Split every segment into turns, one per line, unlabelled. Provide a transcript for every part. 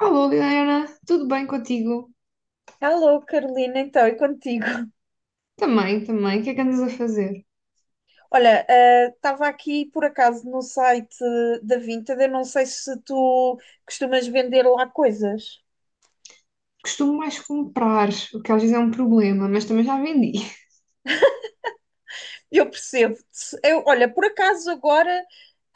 Alô, Liliana, tudo bem contigo?
Alô, Carolina, então, e contigo?
Também, também. O que é que andas a fazer?
Olha, estava aqui por acaso no site da Vinted, eu não sei se tu costumas vender lá coisas.
Costumo mais comprar, o que às vezes é um problema, mas também já vendi.
Eu percebo-te. Eu, olha, por acaso agora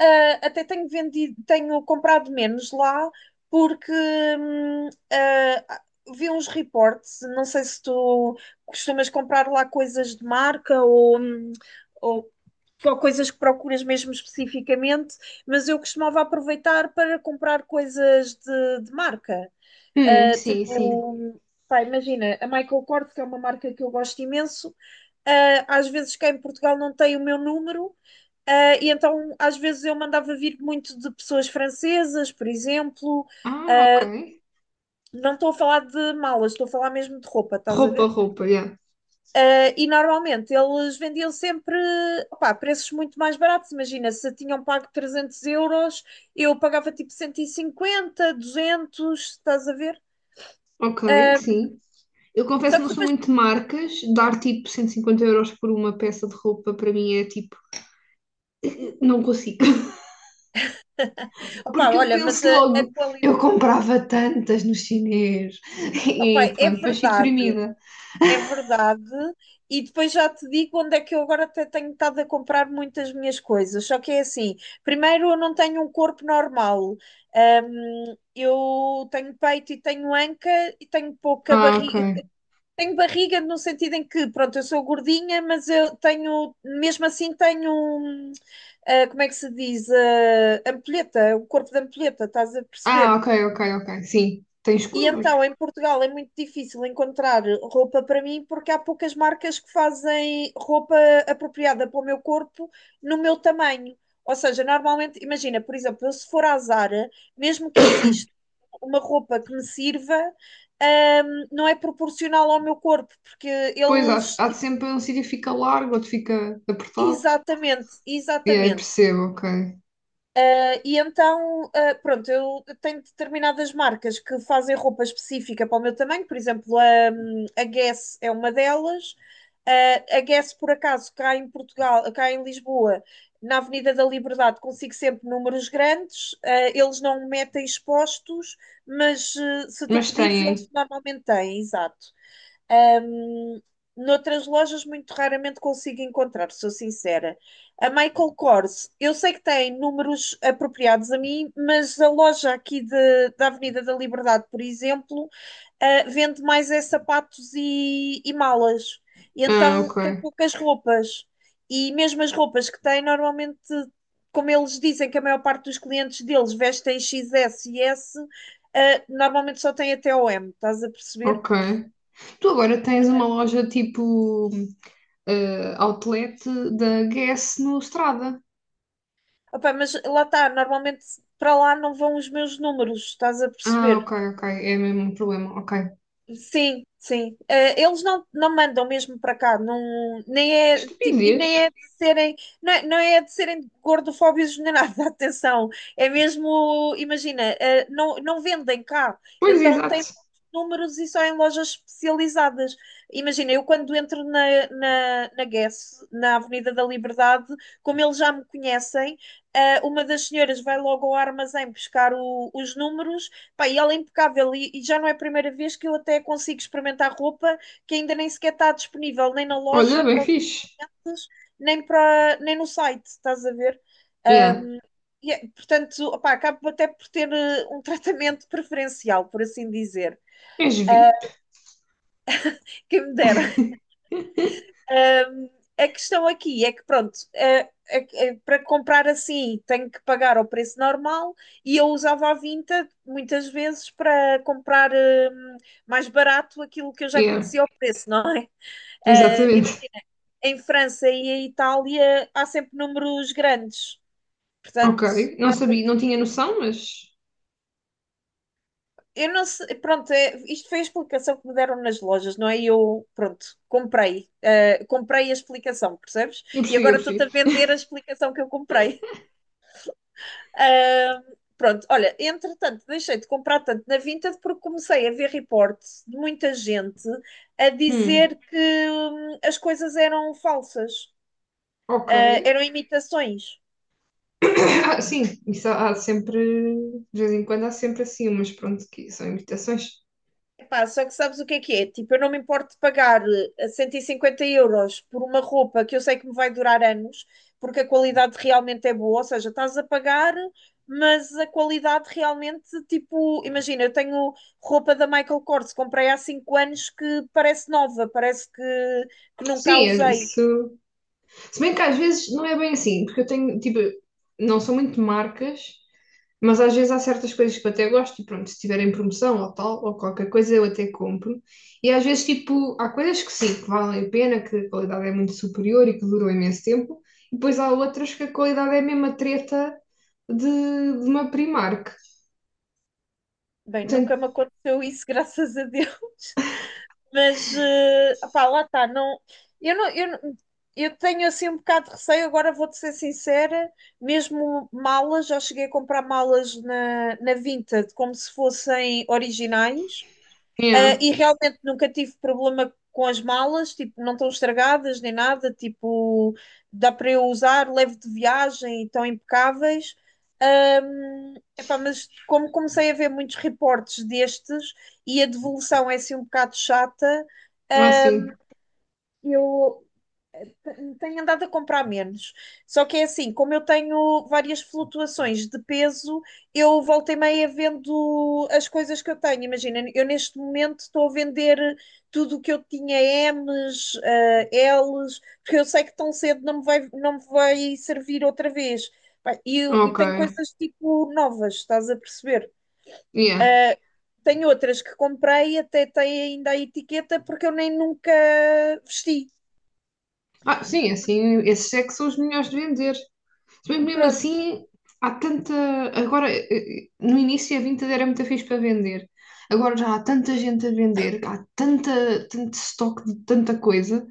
até tenho vendido, tenho comprado menos lá porque hum, ah, vi uns reportes. Não sei se tu costumas comprar lá coisas de marca ou só coisas que procuras mesmo especificamente, mas eu costumava aproveitar para comprar coisas de marca.
Sim, sim.
Tipo, pá, imagina, a Michael Kors, que é uma marca que eu gosto imenso. Às vezes cá em Portugal não tem o meu número, e então às vezes eu mandava vir muito de pessoas francesas, por exemplo.
Ah, ok.
Não estou a falar de malas, estou a falar mesmo de roupa, estás a
Roupa,
ver?
roupa, yeah.
E normalmente eles vendiam sempre, opá, preços muito mais baratos. Imagina, se tinham pago 300 euros, eu pagava tipo 150, 200, estás a ver?
Ok,
Ah,
sim. Eu confesso
Só
que
que
não sou
depois,
muito de marcas. Dar tipo 150 euros por uma peça de roupa para mim é tipo, não consigo.
opá,
Porque eu
olha, mas
penso
a
logo,
qualidade,
eu comprava tantas no chinês.
opá,
E
é
pronto, depois fico
verdade,
deprimida.
é verdade. E depois já te digo onde é que eu agora até tenho estado a comprar muitas minhas coisas. Só que é assim, primeiro eu não tenho um corpo normal. Eu tenho peito e tenho anca e tenho pouca
Ah, ok.
barriga. Tenho barriga no sentido em que, pronto, eu sou gordinha, mas eu tenho, mesmo assim, tenho, como é que se diz? Ah, ampulheta, o corpo da ampulheta, estás a
Ah,
perceber?
ok, ok, ok. Sim, tens
E
curvas.
então, em Portugal é muito difícil encontrar roupa para mim porque há poucas marcas que fazem roupa apropriada para o meu corpo no meu tamanho. Ou seja, normalmente, imagina, por exemplo, eu se for à Zara, mesmo que exista uma roupa que me sirva, não é proporcional ao meu corpo, porque
Pois, há,
eles,
há de
tipo,
sempre um sítio que fica largo, outro fica apertado.
exatamente,
E aí
exatamente.
percebo, ok.
E então, pronto, eu tenho determinadas marcas que fazem roupa específica para o meu tamanho, por exemplo, a Guess é uma delas. A Guess, por acaso, cá em Portugal, cá em Lisboa, na Avenida da Liberdade, consigo sempre números grandes. Eles não metem expostos, mas se tu
Mas
pedires, eles
têm.
normalmente têm, exato. Ahm, Noutras lojas muito raramente consigo encontrar, sou sincera. A Michael Kors, eu sei que tem números apropriados a mim, mas a loja aqui da Avenida da Liberdade, por exemplo, vende mais é sapatos e malas. E
Ah,
então
ok.
tem poucas roupas. E mesmo as roupas que tem, normalmente, como eles dizem que a maior parte dos clientes deles vestem XS e S, normalmente só tem até o M, estás a perceber?
Ok. Tu agora tens uma loja tipo outlet da Guess no Strada.
Opa, mas lá está, normalmente para lá não vão os meus números, estás a
Ah,
perceber?
ok, ok. É mesmo um problema. Ok.
Sim, sim. Eles não mandam mesmo para cá. Não, nem
Que
é tipo, e
estupidez.
nem é de serem, não é, não é de serem gordofóbicos nem nada, atenção. É mesmo, imagina, não, não vendem cá,
Pois,
então
exato.
tem poucos números e só em lojas especializadas. Imagina, eu quando entro na Guess, na Avenida da Liberdade, como eles já me conhecem, uma das senhoras vai logo ao armazém buscar os números. Pá, e ela é impecável e já não é a primeira vez que eu até consigo experimentar roupa que ainda nem sequer está disponível, nem na
Olha,
loja
bem
para
fixe.
ofertas, nem no site, estás a ver?
Yeah.
Um, portanto, opá, acabo até por ter um tratamento preferencial, por assim dizer.
És VIP.
Quem me dera. Um, a questão aqui é que, pronto, para comprar assim tenho que pagar ao preço normal e eu usava a Vinted muitas vezes para comprar mais barato aquilo que eu já
Yeah,
conhecia o preço, não é? E mas
exatamente.
em França e em Itália há sempre números grandes,
Ok.
portanto,
Não
dá para
sabia, não tinha
pedir.
noção, mas
Eu não sei, pronto, isto foi a explicação que me deram nas lojas, não é? E eu, pronto, comprei, comprei a explicação, percebes?
eu
E
percebi, eu
agora estou-te a
percebi.
vender a explicação que eu comprei. Ah, Pronto, olha, entretanto, deixei de comprar tanto na Vinted porque comecei a ver reportes de muita gente a
Hum,
dizer que as coisas eram falsas,
ok.
eram imitações.
Ah, sim, isso há sempre, de vez em quando há sempre assim mas pronto, que são imitações.
Epá, só que sabes o que é que é? Tipo, eu não me importo de pagar 150 euros por uma roupa que eu sei que me vai durar anos, porque a qualidade realmente é boa, ou seja, estás a pagar, mas a qualidade realmente, tipo, imagina, eu tenho roupa da Michael Kors, comprei há 5 anos, que parece nova, parece que nunca a
Sim, é
usei.
isso. Se bem que às vezes não é bem assim, porque eu tenho, tipo, não são muito marcas, mas às vezes há certas coisas que eu até gosto e pronto, se tiverem promoção ou tal, ou qualquer coisa eu até compro. E às vezes, tipo, há coisas que sim, que valem a pena, que a qualidade é muito superior e que duram imenso tempo, e depois há outras que a qualidade é mesmo a treta de, de uma Primark.
Bem,
Portanto,
nunca me aconteceu isso, graças a Deus. Mas, pá, lá está. Não, eu, não, eu, não- eu tenho assim um bocado de receio. Agora vou-te ser sincera: mesmo malas, já cheguei a comprar malas na Vinted como se fossem originais.
é,
E realmente nunca tive problema com as malas, tipo, não estão estragadas nem nada, tipo, dá para eu usar, levo de viagem e estão impecáveis. Epá, mas como comecei a ver muitos reportes destes e a devolução é assim um bocado chata,
assim.
eu tenho andado a comprar menos. Só que é assim, como eu tenho várias flutuações de peso, eu voltei e meia vendo as coisas que eu tenho. Imagina, eu neste momento estou a vender tudo o que eu tinha, M's, L's, porque eu sei que tão cedo não me vai servir outra vez. Pá, e
Ok.
tenho coisas tipo novas, estás a perceber?
Yeah.
Ah, Tenho outras que comprei, até tem ainda a etiqueta, porque eu nem nunca vesti.
Ah, sim, assim, esses é que são os melhores de vender. Se bem que mesmo
Pronto,
assim, há tanta. Agora, no início a Vinted era muito fixe para vender. Agora já há tanta gente a vender, há tanta, tanto estoque de tanta coisa,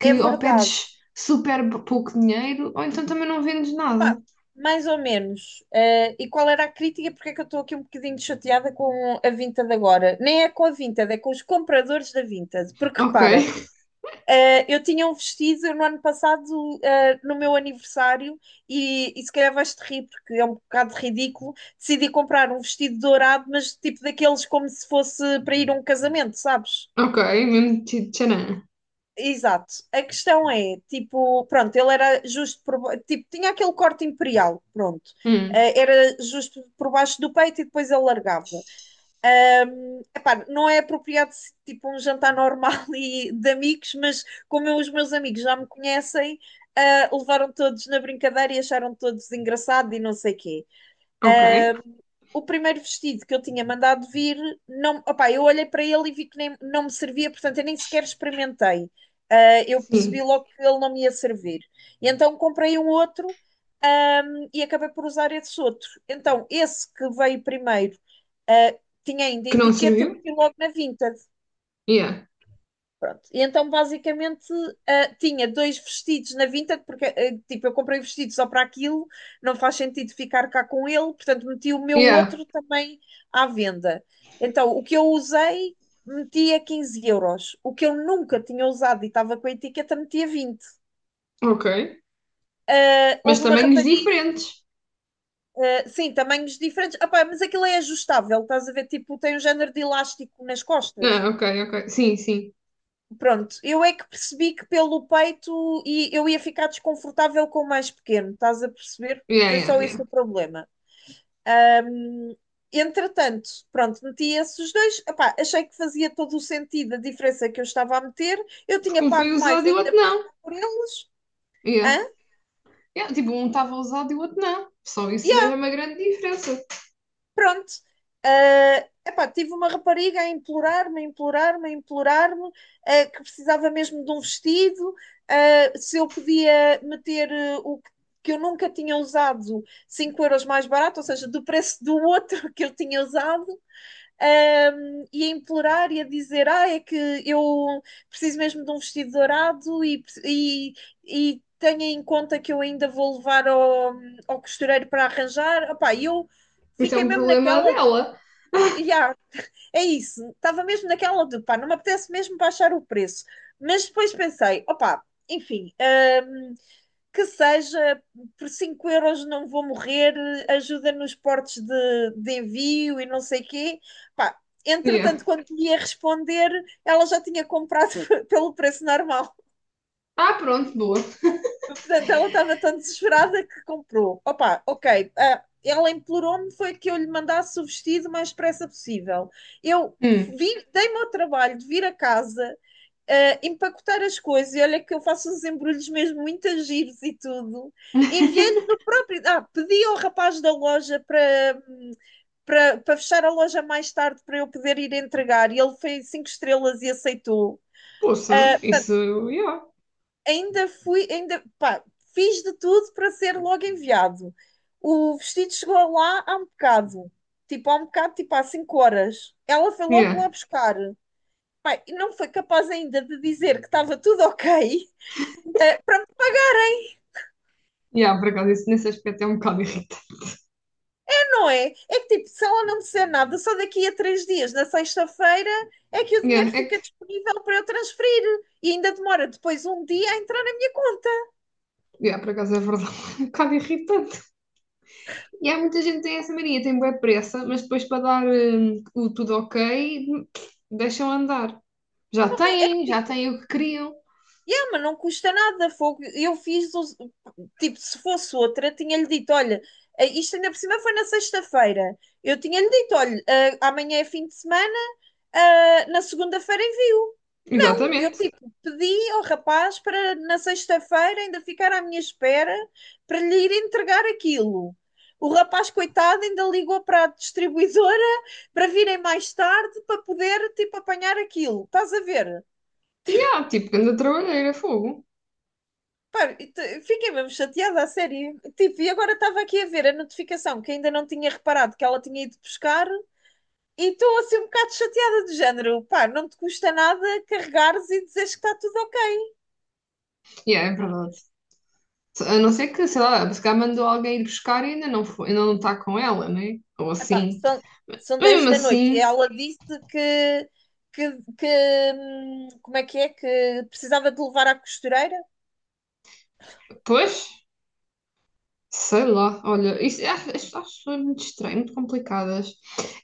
é
ou
verdade.
pedes super pouco dinheiro, ou então também não vendes nada.
Pá, mais ou menos. E qual era a crítica? Porque é que eu estou aqui um bocadinho chateada com a Vinted agora? Nem é com a Vinted, é com os compradores da Vinted. Porque
Ok,
repara, eu tinha um vestido no ano passado, no meu aniversário, e se calhar vais-te rir, porque é um bocado ridículo. Decidi comprar um vestido dourado, mas tipo daqueles como se fosse para ir a um casamento, sabes?
ok, mesmo tipo, tcharam.
Exato. A questão é, tipo, pronto, ele era justo tipo, tinha aquele corte imperial, pronto.
Hum,
Era justo por baixo do peito e depois ele largava. Epá, não é apropriado tipo um jantar normal e de amigos, mas como eu, os meus amigos já me conhecem, levaram todos na brincadeira e acharam todos engraçado e não sei quê.
ok,
O primeiro vestido que eu tinha mandado vir, não, opá, eu olhei para ele e vi que nem, não me servia, portanto eu nem sequer experimentei. Eu percebi
sim.
logo que ele não me ia servir. E então comprei um outro, e acabei por usar esse outro. Então, esse que veio primeiro, ah, tinha ainda a
Que não
etiqueta, eu
serviu?
meti logo na Vinted.
Yeah,
Pronto. E então, basicamente, tinha dois vestidos na Vinted, porque, tipo, eu comprei vestido só para aquilo, não faz sentido ficar cá com ele, portanto, meti o meu
yeah,
outro também à venda. Então, o que eu usei, meti a 15 euros. O que eu nunca tinha usado e estava com a etiqueta, meti a 20.
ok. Mas
Houve uma
tamanhos
rapariga,
diferentes.
sim, tamanhos diferentes. Ah, pá, mas aquilo é ajustável, estás a ver? Tipo, tem um género de elástico nas costas.
Ah, ok, ok. Sim, sim.
Pronto, eu é que percebi que pelo peito e eu ia ficar desconfortável com o mais pequeno, estás a perceber?
Yeah,
Foi
yeah,
só
yeah.
esse o problema. Ahm, Entretanto, pronto, meti esses dois. Epá, achei que fazia todo o sentido a diferença que eu estava a meter. Eu tinha
Porque um foi
pago mais
usado e o
ainda
outro
por
não.
cima por eles.
Yeah.
Hã?
Yeah, tipo, um estava usado e o outro não. Só isso já é uma grande diferença.
Pronto. Epá, tive uma rapariga a implorar-me, que precisava mesmo de um vestido, se eu podia meter que eu nunca tinha usado, 5 euros mais barato, ou seja, do preço do outro que eu tinha usado. E a implorar e a dizer: Ah, é que eu preciso mesmo de um vestido dourado e tenha em conta que eu ainda vou levar ao costureiro para arranjar. Opá, eu
Isto é
fiquei
um
mesmo
problema
naquela do.
dela.
Yeah, é isso, estava mesmo naquela do, pá, não me apetece mesmo baixar o preço. Mas depois pensei, opá, enfim, hum, que seja, por 5 euros não vou morrer, ajuda nos portos de envio e não sei quê. Pá,
Yeah.
entretanto, quando ia responder, ela já tinha comprado pelo preço normal.
Ah, pronto, boa.
Portanto, ela estava tão desesperada que comprou. Opa, ok. Ela implorou-me foi que eu lhe mandasse o vestido o mais depressa possível. Eu
Hum.
dei-me ao trabalho de vir a casa, empacotar as coisas. E olha que eu faço os embrulhos mesmo muito a giros e tudo. Enviei no próprio. Ah, pedi ao rapaz da loja para, para fechar a loja mais tarde para eu poder ir entregar. E ele fez 5 estrelas e aceitou.
Poxa, isso, yeah.
Ainda fui, ainda, pá, fiz de tudo para ser logo enviado. O vestido chegou lá há um bocado. Tipo, há um bocado, tipo, há 5 horas. Ela foi logo lá
Yeah.
buscar. Pá, e não foi capaz ainda de dizer que estava tudo ok. Eh, para
Yeah, por acaso, isso nesse aspecto é um bocado irritante.
Não é? É que tipo, se ela não me disser nada, só daqui a 3 dias, na sexta-feira, é que o
Yeah,
dinheiro
é
fica
que,
disponível para eu transferir. E ainda demora depois um dia a entrar na minha conta.
yeah, por acaso é verdade, é um bocado irritante. E há muita gente que tem essa mania, tem boa pressa, mas depois para dar o tudo ok, deixam andar. Já
É que
têm, já
tipo,
têm o que queriam.
yeah, mas não custa nada, fogo. Eu fiz, tipo, se fosse outra, tinha-lhe dito, olha, isto ainda por cima foi na sexta-feira. Eu tinha-lhe dito, olha, amanhã é fim de semana, na segunda-feira envio. Eu,
Exatamente.
tipo, pedi ao rapaz para na sexta-feira ainda ficar à minha espera para lhe ir entregar aquilo. O rapaz, coitado, ainda ligou para a distribuidora para virem mais tarde para poder, tipo, apanhar aquilo. Estás a ver?
E yeah, tipo, grande trabalheira, fogo.
Pá, fiquei mesmo chateada, a sério. Tipo, e agora estava aqui a ver a notificação que ainda não tinha reparado que ela tinha ido buscar e estou assim um bocado chateada do género. Pá, não te custa nada carregares e dizeres que está tudo ok.
E yeah, é verdade. A não ser que, sei lá, se calhar mandou alguém ir buscar e ainda não foi, ainda não está com ela, né? Ou
Epá,
assim.
são 10
Mesmo
da noite e
assim,
ela disse que, que, que, como é? Que precisava de levar à costureira.
pois, sei lá, olha, isso, acho, acho pessoas muito estranhas, muito complicadas.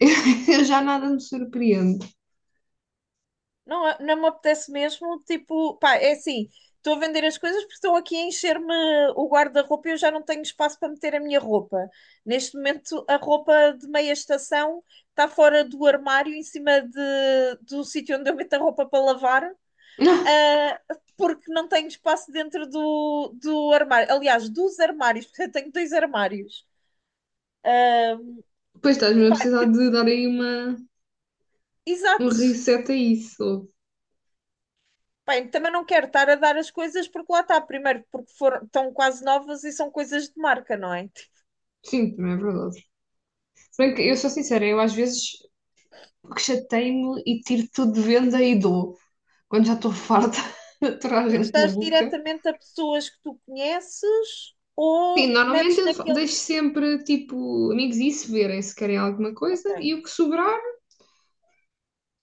Eu, já nada me surpreende.
Não, não me apetece mesmo. Tipo, pá, é assim, estou a vender as coisas porque estão aqui a encher-me o guarda-roupa e eu já não tenho espaço para meter a minha roupa. Neste momento, a roupa de meia estação está fora do armário, em cima do sítio onde eu meto a roupa para lavar. ah, Porque não tenho espaço dentro do armário. Aliás, dos armários, porque eu tenho dois armários. Ah,
Pois estás-me a
Epá,
precisar de dar aí uma, um
exato.
reset a isso.
Bem, também não quero estar a dar as coisas porque lá está, primeiro, porque foram, estão quase novas e são coisas de marca, não é?
Sim, também é verdade. Se bem que eu sou sincera, eu às vezes que chatei-me e tiro tudo de venda e dou. Quando já estou farta de aturar
Mas
gente
dás
maluca.
diretamente a pessoas que tu conheces
Sim,
ou
normalmente
metes
eu deixo
naqueles.
sempre, tipo, amigos e se verem se querem alguma coisa
Ok.
e o que sobrar,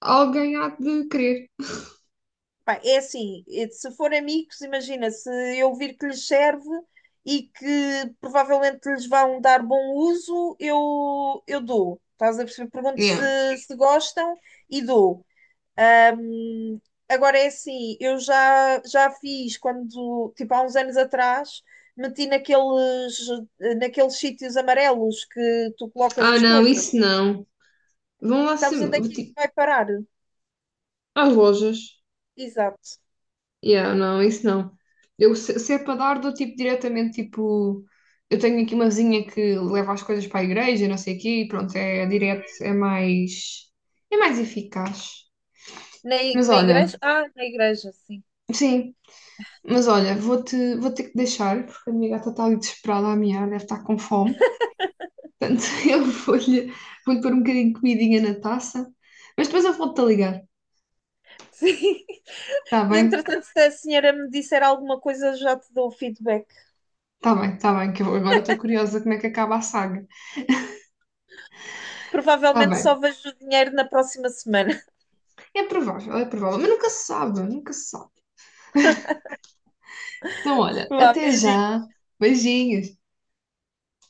alguém há de querer.
Pá, é assim, se for amigos, imagina, se eu vir que lhes serve e que provavelmente lhes vão dar bom uso, eu dou. Estás a perceber? Pergunto
Yeah.
se gostam e dou. Ahm, Agora é assim, eu já fiz quando, tipo, há uns anos atrás, meti naqueles, naqueles sítios amarelos que tu colocas
Ah,
as
não,
coisas.
isso não. Vão lá
Sabes onde é
sempre,
que isso
tipo,
vai parar?
às lojas.
Exato.
Yeah, não, isso não. Eu, se é para dar, dou tipo diretamente, tipo, eu tenho aqui uma vizinha que leva as coisas para a igreja, não sei o quê, e pronto, é direto, é mais eficaz. Mas
Na
olha,
igreja? Ah, na igreja, sim.
sim, mas olha, vou ter que deixar, porque a minha gata está ali desesperada a miar, deve estar com fome. Portanto, eu vou-lhe pôr um bocadinho de comidinha na taça. Mas depois eu volto-te a ligar.
Sim.
Está bem?
Entretanto, se a senhora me disser alguma coisa, já te dou o feedback.
Está bem, que eu agora estou curiosa como é que acaba a saga. Está
Provavelmente só
bem.
vejo o dinheiro na próxima semana.
É provável. Mas nunca se sabe. Então, olha,
Vá,
até
beijinho.
já. Beijinhos.